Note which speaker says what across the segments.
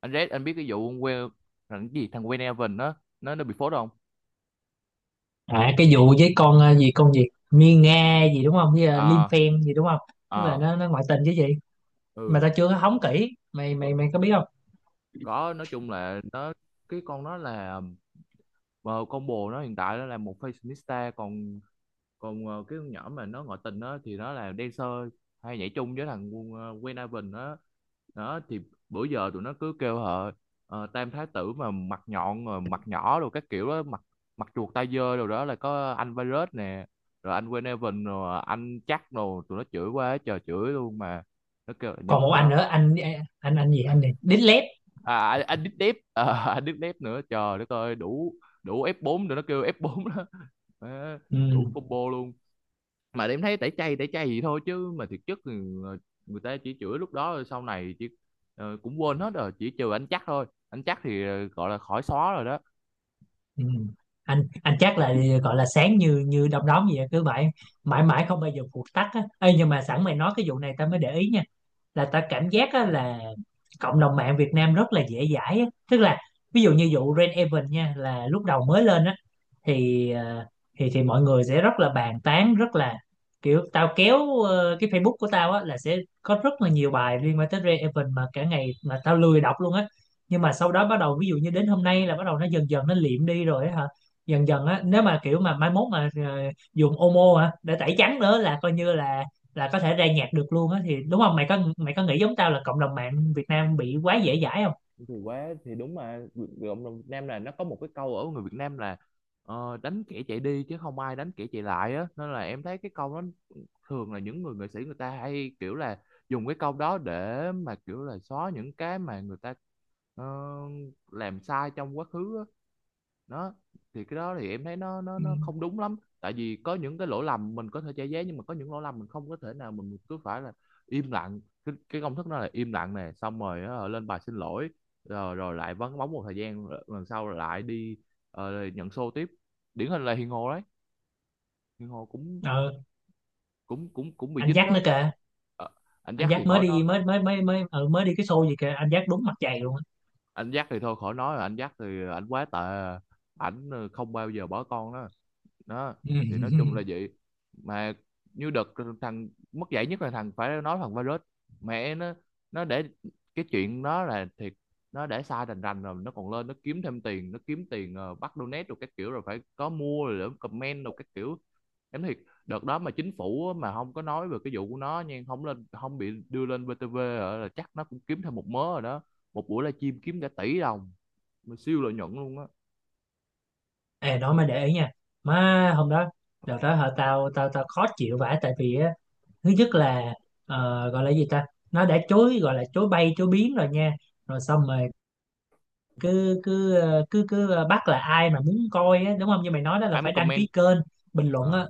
Speaker 1: Anh Red, anh biết cái vụ quê thằng cái gì, thằng Wayne Evan đó, nó bị phốt không?
Speaker 2: À, cái vụ với con gì con gì Miên Nga gì đúng không với Lim
Speaker 1: À,
Speaker 2: Phen gì đúng không. Tức là
Speaker 1: à,
Speaker 2: nó ngoại tình chứ gì, mà
Speaker 1: ừ,
Speaker 2: tao chưa có hóng kỹ, mày mày mày có biết không?
Speaker 1: có. Nói chung là nó, cái con nó là, ờ, con bồ nó hiện tại nó là một fashionista, còn còn cái con nhỏ mà nó ngoại tình đó thì nó là dancer, hay nhảy chung với thằng Wayne Evan á. Đó thì bữa giờ tụi nó cứ kêu họ tam thái tử mà mặt nhọn rồi, mặt nhỏ rồi các kiểu đó, mặt mặt chuột, tay dơ rồi. Đó là có anh virus nè, rồi anh Wayne Evan, rồi anh chắc, rồi tụi nó chửi quá trời, chửi luôn mà. Nó kêu là
Speaker 2: Còn
Speaker 1: những
Speaker 2: một
Speaker 1: người
Speaker 2: anh
Speaker 1: đó,
Speaker 2: nữa anh này Đít Lép.
Speaker 1: à anh Deep Deep à, anh Deep Deep nữa, trời đất ơi, đủ đủ F4 rồi, nó kêu F4 đó. Má,
Speaker 2: ừ,
Speaker 1: đủ combo luôn. Mà em thấy tẩy chay gì thôi chứ, mà thực chất thì người ta chỉ chửi lúc đó rồi sau này chỉ cũng quên hết rồi, chỉ trừ anh chắc thôi, anh chắc thì gọi là khỏi xóa rồi đó.
Speaker 2: ừ. anh chắc là gọi là sáng như như đom đóm gì á, cứ vậy mãi mãi không bao giờ phụt tắt á. Ê, nhưng mà sẵn mày nói cái vụ này tao mới để ý nha, là tao cảm giác á, là cộng đồng mạng Việt Nam rất là dễ dãi á. Tức là ví dụ như vụ Rain Event nha, là lúc đầu mới lên á thì thì mọi người sẽ rất là bàn tán, rất là kiểu tao kéo cái Facebook của tao á là sẽ có rất là nhiều bài liên quan tới Ray Evan mà cả ngày, mà tao lười đọc luôn á. Nhưng mà sau đó bắt đầu ví dụ như đến hôm nay là bắt đầu nó dần dần nó liệm đi rồi á hả. Dần dần á, nếu mà kiểu mà mai mốt mà dùng Omo hả để tẩy trắng nữa là coi như là có thể ra nhạc được luôn á thì đúng không? Mày có mày có nghĩ giống tao là cộng đồng mạng Việt Nam bị quá dễ dãi không?
Speaker 1: Thì quá, thì đúng mà. Cộng đồng Việt Nam là nó có một cái câu, ở người Việt Nam là đánh kẻ chạy đi chứ không ai đánh kẻ chạy lại á, nên là em thấy cái câu đó thường là những người nghệ sĩ, người ta hay kiểu là dùng cái câu đó để mà kiểu là xóa những cái mà người ta ờ, làm sai trong quá khứ á. Đó thì cái đó thì em thấy nó nó
Speaker 2: ừ.
Speaker 1: nó không đúng lắm. Tại vì có những cái lỗi lầm mình có thể che giấu, nhưng mà có những lỗi lầm mình không có thể nào, mình cứ phải là im lặng. Cái công thức đó là im lặng nè, xong rồi á, lên bài xin lỗi, rồi rồi lại vắng bóng một thời gian, lần sau lại đi nhận show tiếp. Điển hình là Hiền Hồ đấy. Hiền Hồ cũng
Speaker 2: ờ
Speaker 1: cũng bị
Speaker 2: anh
Speaker 1: dính
Speaker 2: Jack
Speaker 1: đó.
Speaker 2: nữa kìa.
Speaker 1: Ờ, anh
Speaker 2: Anh
Speaker 1: Jack
Speaker 2: Giác
Speaker 1: thì
Speaker 2: mới
Speaker 1: khỏi
Speaker 2: đi
Speaker 1: nói.
Speaker 2: mới mới mới mới mới đi cái show gì kìa, anh Giác đúng mặt dày luôn á.
Speaker 1: Anh Jack thì thôi khỏi nói rồi, anh Jack thì anh quá tệ. Ảnh không bao giờ bỏ con đó. Đó thì nói chung là vậy. Mà như đợt thằng mất dạy nhất là thằng, phải nói, thằng virus. Mẹ nó. Nó để cái chuyện đó là thiệt, nó để sai rành rành rồi, nó còn lên, nó kiếm thêm tiền, nó kiếm tiền bắt donate rồi các kiểu, rồi phải có mua rồi để comment rồi các kiểu. Em thiệt, đợt đó mà chính phủ á, mà không có nói về cái vụ của nó nha, không lên, không bị đưa lên VTV hả, là chắc nó cũng kiếm thêm một mớ rồi đó. Một buổi livestream kiếm cả tỷ đồng, mà siêu lợi nhuận luôn á.
Speaker 2: Ê, đó mới để ý nha. Má, hôm đó, đợt đó hả, tao tao tao khó chịu vãi, tại vì á thứ nhất là gọi là gì ta, nó đã chối, gọi là chối bay chối biến rồi nha. Rồi xong rồi cứ cứ ờ, bắt là ai mà muốn coi á, đúng không, như mày nói đó là
Speaker 1: Ai muốn
Speaker 2: phải đăng ký
Speaker 1: comment.
Speaker 2: kênh, bình luận
Speaker 1: Ờ.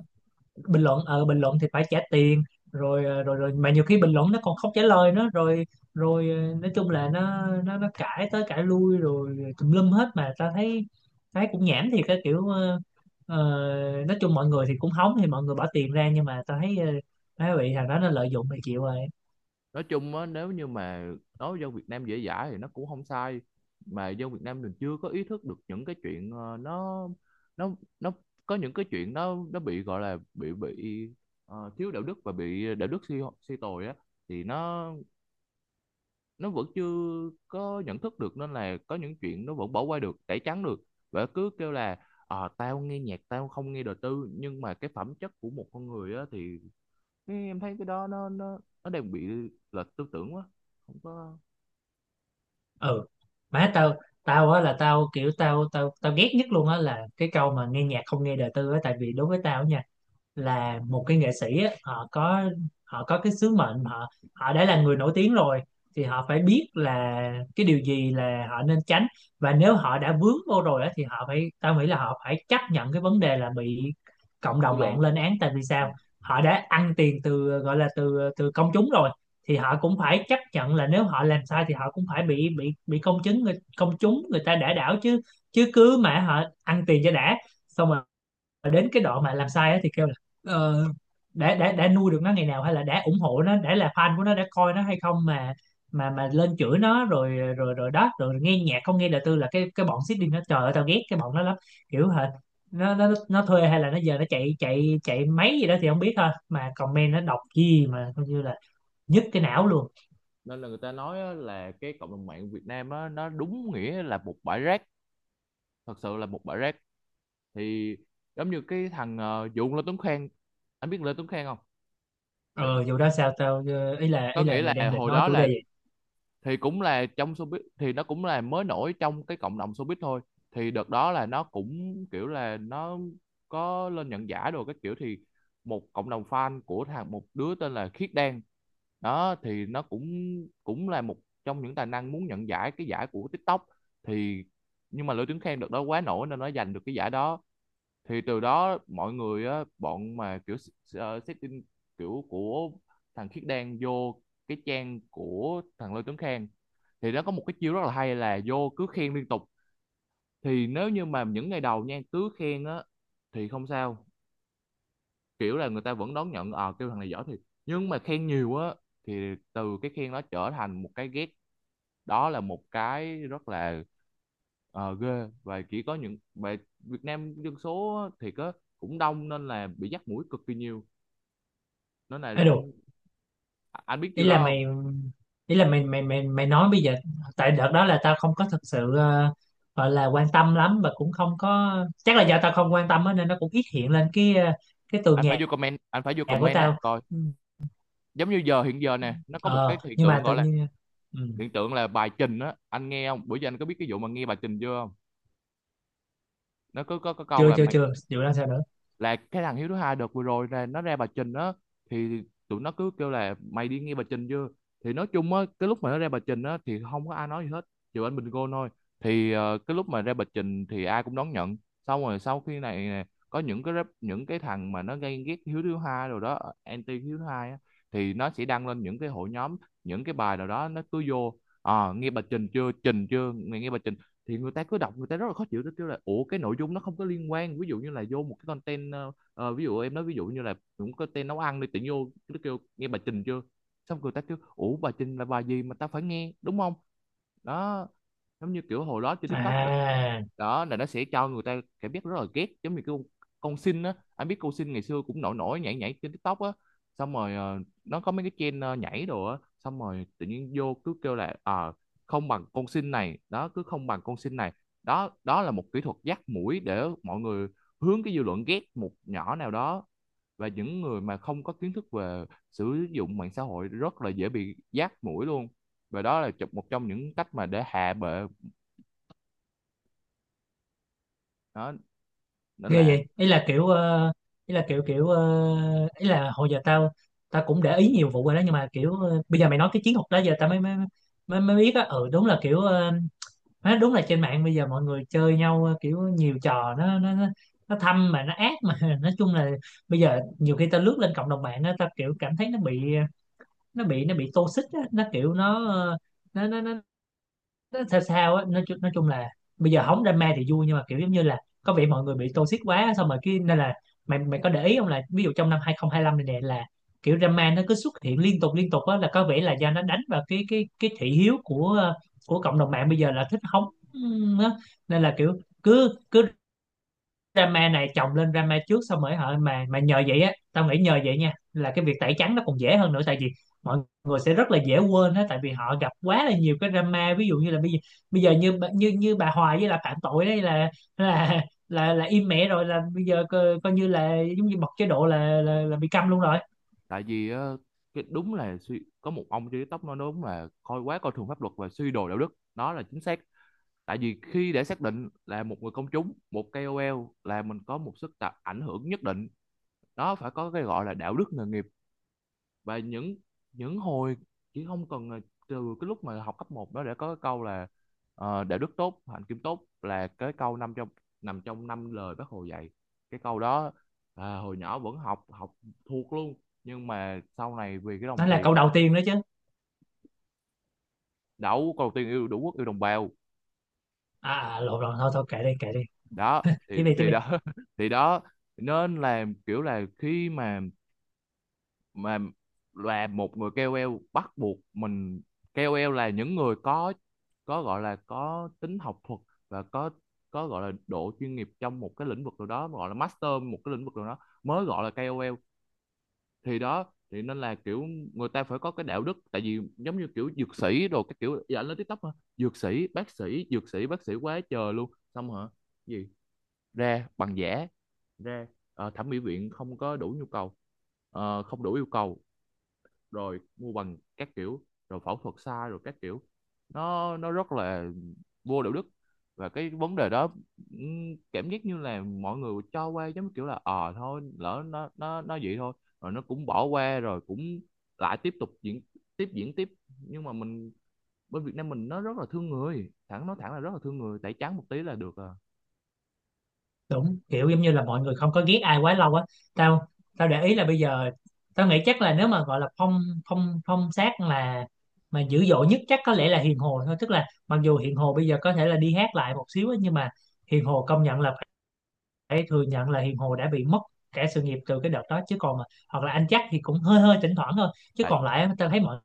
Speaker 2: bình luận bình luận thì phải trả tiền. Rồi ờ, rồi rồi mà nhiều khi bình luận nó còn không trả lời nữa. Rồi rồi ờ, nói chung là nó cãi tới cãi lui rồi tùm lum hết, mà ta thấy thấy cũng nhảm thiệt, cái kiểu ờ, nói chung mọi người thì cũng hóng thì mọi người bỏ tiền ra, nhưng mà ta thấy thấy bị thằng đó nó lợi dụng thì chịu rồi.
Speaker 1: Nói chung á, nếu như mà nói dân Việt Nam dễ dãi thì nó cũng không sai. Mà dân Việt Nam mình chưa có ý thức được những cái chuyện ờ, nó nó có những cái chuyện nó bị gọi là bị thiếu đạo đức và bị đạo đức suy suy tồi á, thì nó vẫn chưa có nhận thức được, nên là có những chuyện nó vẫn bỏ qua được, tẩy trắng được. Và cứ kêu là tao nghe nhạc, tao không nghe đời tư, nhưng mà cái phẩm chất của một con người á thì, thế em thấy cái đó nó đang bị lệch tư tưởng quá, không có
Speaker 2: Ừ. Má tao, tao á là tao kiểu tao tao tao ghét nhất luôn á là cái câu mà nghe nhạc không nghe đời tư á, tại vì đối với tao nha, là một cái nghệ sĩ á, họ có cái sứ mệnh. Họ, họ đã là người nổi tiếng rồi thì họ phải biết là cái điều gì là họ nên tránh, và nếu họ đã vướng vô rồi á, thì họ phải, tao nghĩ là họ phải chấp nhận cái vấn đề là bị cộng
Speaker 1: dư
Speaker 2: đồng
Speaker 1: luận.
Speaker 2: mạng lên án. Tại vì
Speaker 1: Ừ.
Speaker 2: sao? Họ đã ăn tiền từ, gọi là từ từ công chúng rồi, thì họ cũng phải chấp nhận là nếu họ làm sai thì họ cũng phải bị công chúng, người công chúng, người ta đã đảo chứ. Chứ cứ mà họ ăn tiền cho đã, xong rồi đến cái đoạn mà làm sai á thì kêu là ờ, đã nuôi được nó ngày nào, hay là đã ủng hộ nó, đã là fan của nó, đã coi nó hay không, mà mà lên chửi nó rồi. Rồi đó, rồi nghe nhạc không nghe đời tư là cái bọn Sydney nó, trời ơi tao ghét cái bọn nó lắm. Kiểu hệt, nó thuê hay là nó giờ nó chạy chạy chạy máy gì đó thì không biết thôi, mà comment nó đọc gì mà coi như là nhức cái não luôn.
Speaker 1: Nên là người ta nói á, là cái cộng đồng mạng Việt Nam á, nó đúng nghĩa là một bãi rác, thật sự là một bãi rác. Thì giống như cái thằng Lê Tuấn Khang, anh biết Lê Tuấn Khang không? Thì
Speaker 2: Ờ Dù đó sao tao,
Speaker 1: có
Speaker 2: ý là
Speaker 1: nghĩa
Speaker 2: mày đang
Speaker 1: là
Speaker 2: định
Speaker 1: hồi
Speaker 2: nói
Speaker 1: đó
Speaker 2: chủ đề
Speaker 1: là,
Speaker 2: gì?
Speaker 1: thì cũng là trong showbiz, thì nó cũng là mới nổi trong cái cộng đồng showbiz thôi. Thì đợt đó là nó cũng kiểu là nó có lên nhận giải đồ các kiểu. Thì một cộng đồng fan của thằng, một đứa tên là Khiết Đan, đó thì nó cũng cũng là một trong những tài năng muốn nhận giải, cái giải của TikTok. Thì nhưng mà Lữ Tuấn Khang đợt đó quá nổi nên nó giành được cái giải đó. Thì từ đó mọi người á, bọn mà kiểu setting kiểu của thằng Khiết Đan vô cái trang của thằng Lê Tuấn Khang, thì nó có một cái chiêu rất là hay là vô cứ khen liên tục. Thì nếu như mà những ngày đầu nha cứ khen á thì không sao, kiểu là người ta vẫn đón nhận, ờ kêu thằng này giỏi thiệt. Nhưng mà khen nhiều á, thì từ cái khen nó trở thành một cái ghét. Đó là một cái rất là ghê. Và chỉ có những, và Việt Nam dân số á thì có cũng đông nên là bị dắt mũi cực kỳ nhiều. Nên là,
Speaker 2: Ấy,
Speaker 1: à, anh biết
Speaker 2: ý
Speaker 1: điều
Speaker 2: là
Speaker 1: đó không?
Speaker 2: mày, ý là mày mày mày mày nói bây giờ. Tại đợt đó là tao không có thực sự gọi là quan tâm lắm, và cũng không có, chắc là do tao không quan tâm á nên nó cũng ít hiện lên cái cái tường
Speaker 1: Anh phải
Speaker 2: nhà
Speaker 1: vô comment, anh phải vô
Speaker 2: của
Speaker 1: comment á
Speaker 2: tao.
Speaker 1: coi.
Speaker 2: Ừ.
Speaker 1: Giống như giờ, hiện giờ nè, nó có một cái
Speaker 2: ờ
Speaker 1: hiện
Speaker 2: nhưng
Speaker 1: tượng
Speaker 2: mà tự
Speaker 1: gọi là,
Speaker 2: nhiên, ừ,
Speaker 1: hiện tượng là bài trình á, anh nghe không? Bữa giờ anh có biết cái vụ mà nghe bài trình chưa không? Nó có có câu
Speaker 2: chưa
Speaker 1: là
Speaker 2: chưa
Speaker 1: mày,
Speaker 2: chưa vụ đó sao nữa?
Speaker 1: là cái thằng Hiếu thứ hai đợt vừa rồi là nó ra bà Trình á, thì tụi nó cứ kêu là mày đi nghe bà Trình chưa. Thì nói chung á, cái lúc mà nó ra bà Trình á thì không có ai nói gì hết, trừ anh Bình Gôn thôi. Thì cái lúc mà ra bà Trình thì ai cũng đón nhận. Xong rồi sau khi này nè, có những cái rap, những cái thằng mà nó gay ghét Hiếu thứ hai rồi đó, anti Hiếu thứ hai á, thì nó sẽ đăng lên những cái hội nhóm, những cái bài nào đó, nó cứ vô, à, nghe bà Trình chưa, Trình chưa, mày nghe bà Trình. Thì người ta cứ đọc, người ta rất là khó chịu, tôi kêu là ủa cái nội dung nó không có liên quan, ví dụ như là vô một cái content ví dụ em nói ví dụ như là cũng có tên nấu ăn đi, tự nhiên vô nó kêu nghe bà Trình chưa. Xong người ta kêu ủa bà Trình là bà gì mà tao phải nghe, đúng không? Đó, giống như kiểu hồi đó trên TikTok là,
Speaker 2: À,
Speaker 1: đó là nó sẽ cho người ta cảm giác rất là ghét. Giống như con Sin á, anh biết con Sin ngày xưa cũng nổi nổi, nhảy nhảy trên TikTok á. Xong rồi nó có mấy cái trend nhảy đồ á, xong rồi tự nhiên vô cứ kêu là à, không bằng con sinh này đó, cứ không bằng con sinh này. Đó, đó là một kỹ thuật dắt mũi để mọi người hướng cái dư luận ghét một nhỏ nào đó. Và những người mà không có kiến thức về sử dụng mạng xã hội rất là dễ bị dắt mũi luôn. Và đó là một trong những cách mà để hạ bệ. Đó, nên
Speaker 2: ghê
Speaker 1: là,
Speaker 2: vậy. Ý là kiểu ý là kiểu kiểu ờ, ý là hồi giờ tao, tao cũng để ý nhiều vụ rồi đó, nhưng mà kiểu bây giờ mày nói cái chiến thuật đó giờ tao mới biết á. Ừ, đúng là kiểu má, đúng là trên mạng bây giờ mọi người chơi nhau kiểu nhiều trò, nó thâm mà nó ác mà. Nói chung là bây giờ nhiều khi ta lướt lên cộng đồng mạng á, ta kiểu cảm thấy nó bị nó bị toxic á, nó kiểu nó nó nó, nó sao sao á. Nói chung là bây giờ hóng drama thì vui, nhưng mà kiểu giống như là có vẻ mọi người bị toxic quá, xong rồi cái nên là mày mày có để ý không là ví dụ trong năm 2025 này nè, là kiểu drama nó cứ xuất hiện liên tục á, là có vẻ là do nó đánh vào cái cái thị hiếu của của cộng đồng mạng bây giờ là thích hóng á. Nên là kiểu cứ cứ drama này chồng lên drama trước, xong rồi hả, mà nhờ vậy á, tao nghĩ nhờ vậy nha là cái việc tẩy trắng nó còn dễ hơn nữa, tại vì mọi người sẽ rất là dễ quên á, tại vì họ gặp quá là nhiều cái drama. Ví dụ như là bây giờ, bây giờ như như như bà Hoài với là phạm tội đấy là là là im mẹ rồi, là bây giờ coi, coi như là giống như bật chế độ là là bị câm luôn rồi.
Speaker 1: tại vì cái đúng là có một ông trên TikTok nói đúng là coi quá, coi thường pháp luật và suy đồi đạo đức, đó là chính xác. Tại vì khi để xác định là một người công chúng, một KOL, là mình có một sức tạo ảnh hưởng nhất định, nó phải có cái gọi là đạo đức nghề nghiệp. Và những hồi chỉ không cần là, từ cái lúc mà học cấp một đó để có cái câu là đạo đức tốt, hạnh kiểm tốt, là cái câu nằm trong, nằm trong năm lời bác Hồ dạy, cái câu đó. À, hồi nhỏ vẫn học, học thuộc luôn. Nhưng mà sau này vì cái đồng
Speaker 2: Đó là
Speaker 1: tiền,
Speaker 2: câu đầu tiên đó chứ.
Speaker 1: đấu cầu tiền, yêu đủ quốc, yêu đồng bào.
Speaker 2: À à, lộn lộn, thôi thôi kệ đi kệ đi.
Speaker 1: Đó
Speaker 2: Tiếp đi tiếp
Speaker 1: thì
Speaker 2: đi.
Speaker 1: đó thì đó. Nên là kiểu là khi mà là một người KOL bắt buộc mình, KOL là những người có gọi là có tính học thuật và có gọi là độ chuyên nghiệp trong một cái lĩnh vực nào đó, gọi là master một cái lĩnh vực nào đó, mới gọi là KOL. Thì đó, thì nên là kiểu người ta phải có cái đạo đức. Tại vì giống như kiểu dược sĩ đồ cái kiểu, dạ anh lên TikTok hả, dược sĩ bác sĩ, dược sĩ bác sĩ quá trời luôn, xong hả, gì, ra bằng giả, ra thẩm mỹ viện không có đủ nhu cầu. Ờ, không đủ yêu cầu, rồi mua bằng các kiểu, rồi phẫu thuật sai rồi các kiểu. Nó rất là vô đạo đức. Và cái vấn đề đó, cảm giác như là mọi người cho qua, giống kiểu là ờ thôi lỡ nó vậy thôi, rồi nó cũng bỏ qua rồi cũng lại tiếp tục diễn, tiếp diễn tiếp. Nhưng mà mình, bên Việt Nam mình nó rất là thương người, thẳng nói thẳng là rất là thương người, tẩy trắng một tí là được à.
Speaker 2: Đúng, kiểu giống như là mọi người không có ghét ai quá lâu á. Tao, tao để ý là bây giờ tao nghĩ chắc là nếu mà gọi là phong, phong sát là mà dữ dội nhất chắc có lẽ là Hiền Hồ thôi. Tức là mặc dù Hiền Hồ bây giờ có thể là đi hát lại một xíu á, nhưng mà Hiền Hồ công nhận là phải thừa nhận là Hiền Hồ đã bị mất cả sự nghiệp từ cái đợt đó. Chứ còn mà hoặc là anh chắc thì cũng hơi hơi thỉnh thoảng thôi, chứ
Speaker 1: Tại
Speaker 2: còn lại tao thấy mọi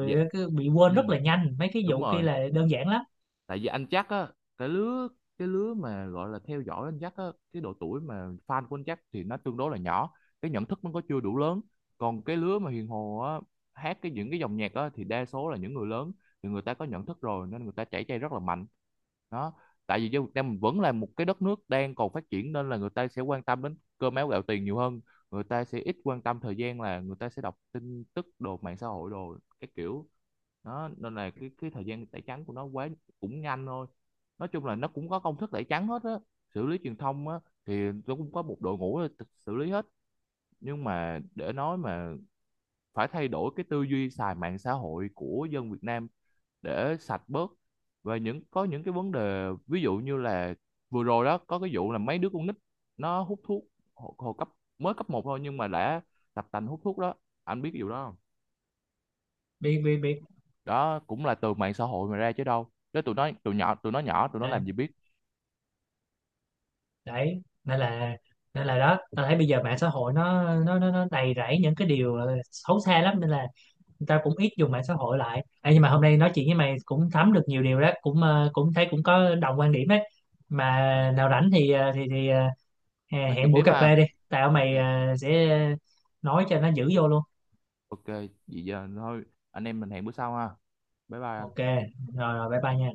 Speaker 1: dạ,
Speaker 2: cứ bị quên
Speaker 1: ừ,
Speaker 2: rất là nhanh, mấy cái
Speaker 1: đúng
Speaker 2: vụ kia
Speaker 1: rồi.
Speaker 2: là đơn giản lắm.
Speaker 1: Tại vì anh chắc á, cái lứa, cái lứa mà gọi là theo dõi anh chắc á, cái độ tuổi mà fan của anh chắc thì nó tương đối là nhỏ, cái nhận thức nó có chưa đủ lớn. Còn cái lứa mà Hiền Hồ á, hát cái những cái dòng nhạc á, thì đa số là những người lớn, thì người ta có nhận thức rồi nên người ta chảy chay rất là mạnh. Đó, tại vì dân Việt Nam mình vẫn là một cái đất nước đang còn phát triển, nên là người ta sẽ quan tâm đến cơm áo gạo tiền nhiều hơn. Người ta sẽ ít quan tâm thời gian, là người ta sẽ đọc tin tức đồ, mạng xã hội đồ cái kiểu. Đó, nên là cái thời gian tẩy trắng của nó quá, cũng nhanh thôi. Nói chung là nó cũng có công thức tẩy trắng hết á, xử lý truyền thông á, thì nó cũng có một đội ngũ xử lý hết. Nhưng mà để nói mà phải thay đổi cái tư duy xài mạng xã hội của dân Việt Nam để sạch bớt. Và những, có những cái vấn đề ví dụ như là vừa rồi đó có cái vụ là mấy đứa con nít nó hút thuốc, hồi cấp, mới cấp một thôi nhưng mà đã tập tành hút thuốc đó, anh biết cái vụ đó không?
Speaker 2: Bị biết.
Speaker 1: Đó cũng là từ mạng xã hội mà ra chứ đâu, đó tụi nó, tụi nhỏ, tụi nó nhỏ tụi nó làm gì biết.
Speaker 2: Đấy nên là, nên là đó, ta thấy bây giờ mạng xã hội nó đầy rẫy những cái điều xấu xa lắm, nên là người ta cũng ít dùng mạng xã hội lại. Ê, nhưng mà hôm nay nói chuyện với mày cũng thấm được nhiều điều đó, cũng cũng thấy cũng có đồng quan điểm ấy. Mà
Speaker 1: Ờ,
Speaker 2: nào rảnh thì thì
Speaker 1: nói chuyện
Speaker 2: hẹn buổi
Speaker 1: tiếp
Speaker 2: cà
Speaker 1: ha.
Speaker 2: phê đi. Tao mày
Speaker 1: Ok.
Speaker 2: sẽ nói cho nó giữ vô luôn.
Speaker 1: Ok vậy giờ thôi, anh em mình hẹn bữa sau ha. Bye bye
Speaker 2: Ok,
Speaker 1: anh.
Speaker 2: rồi rồi, bye bye nha.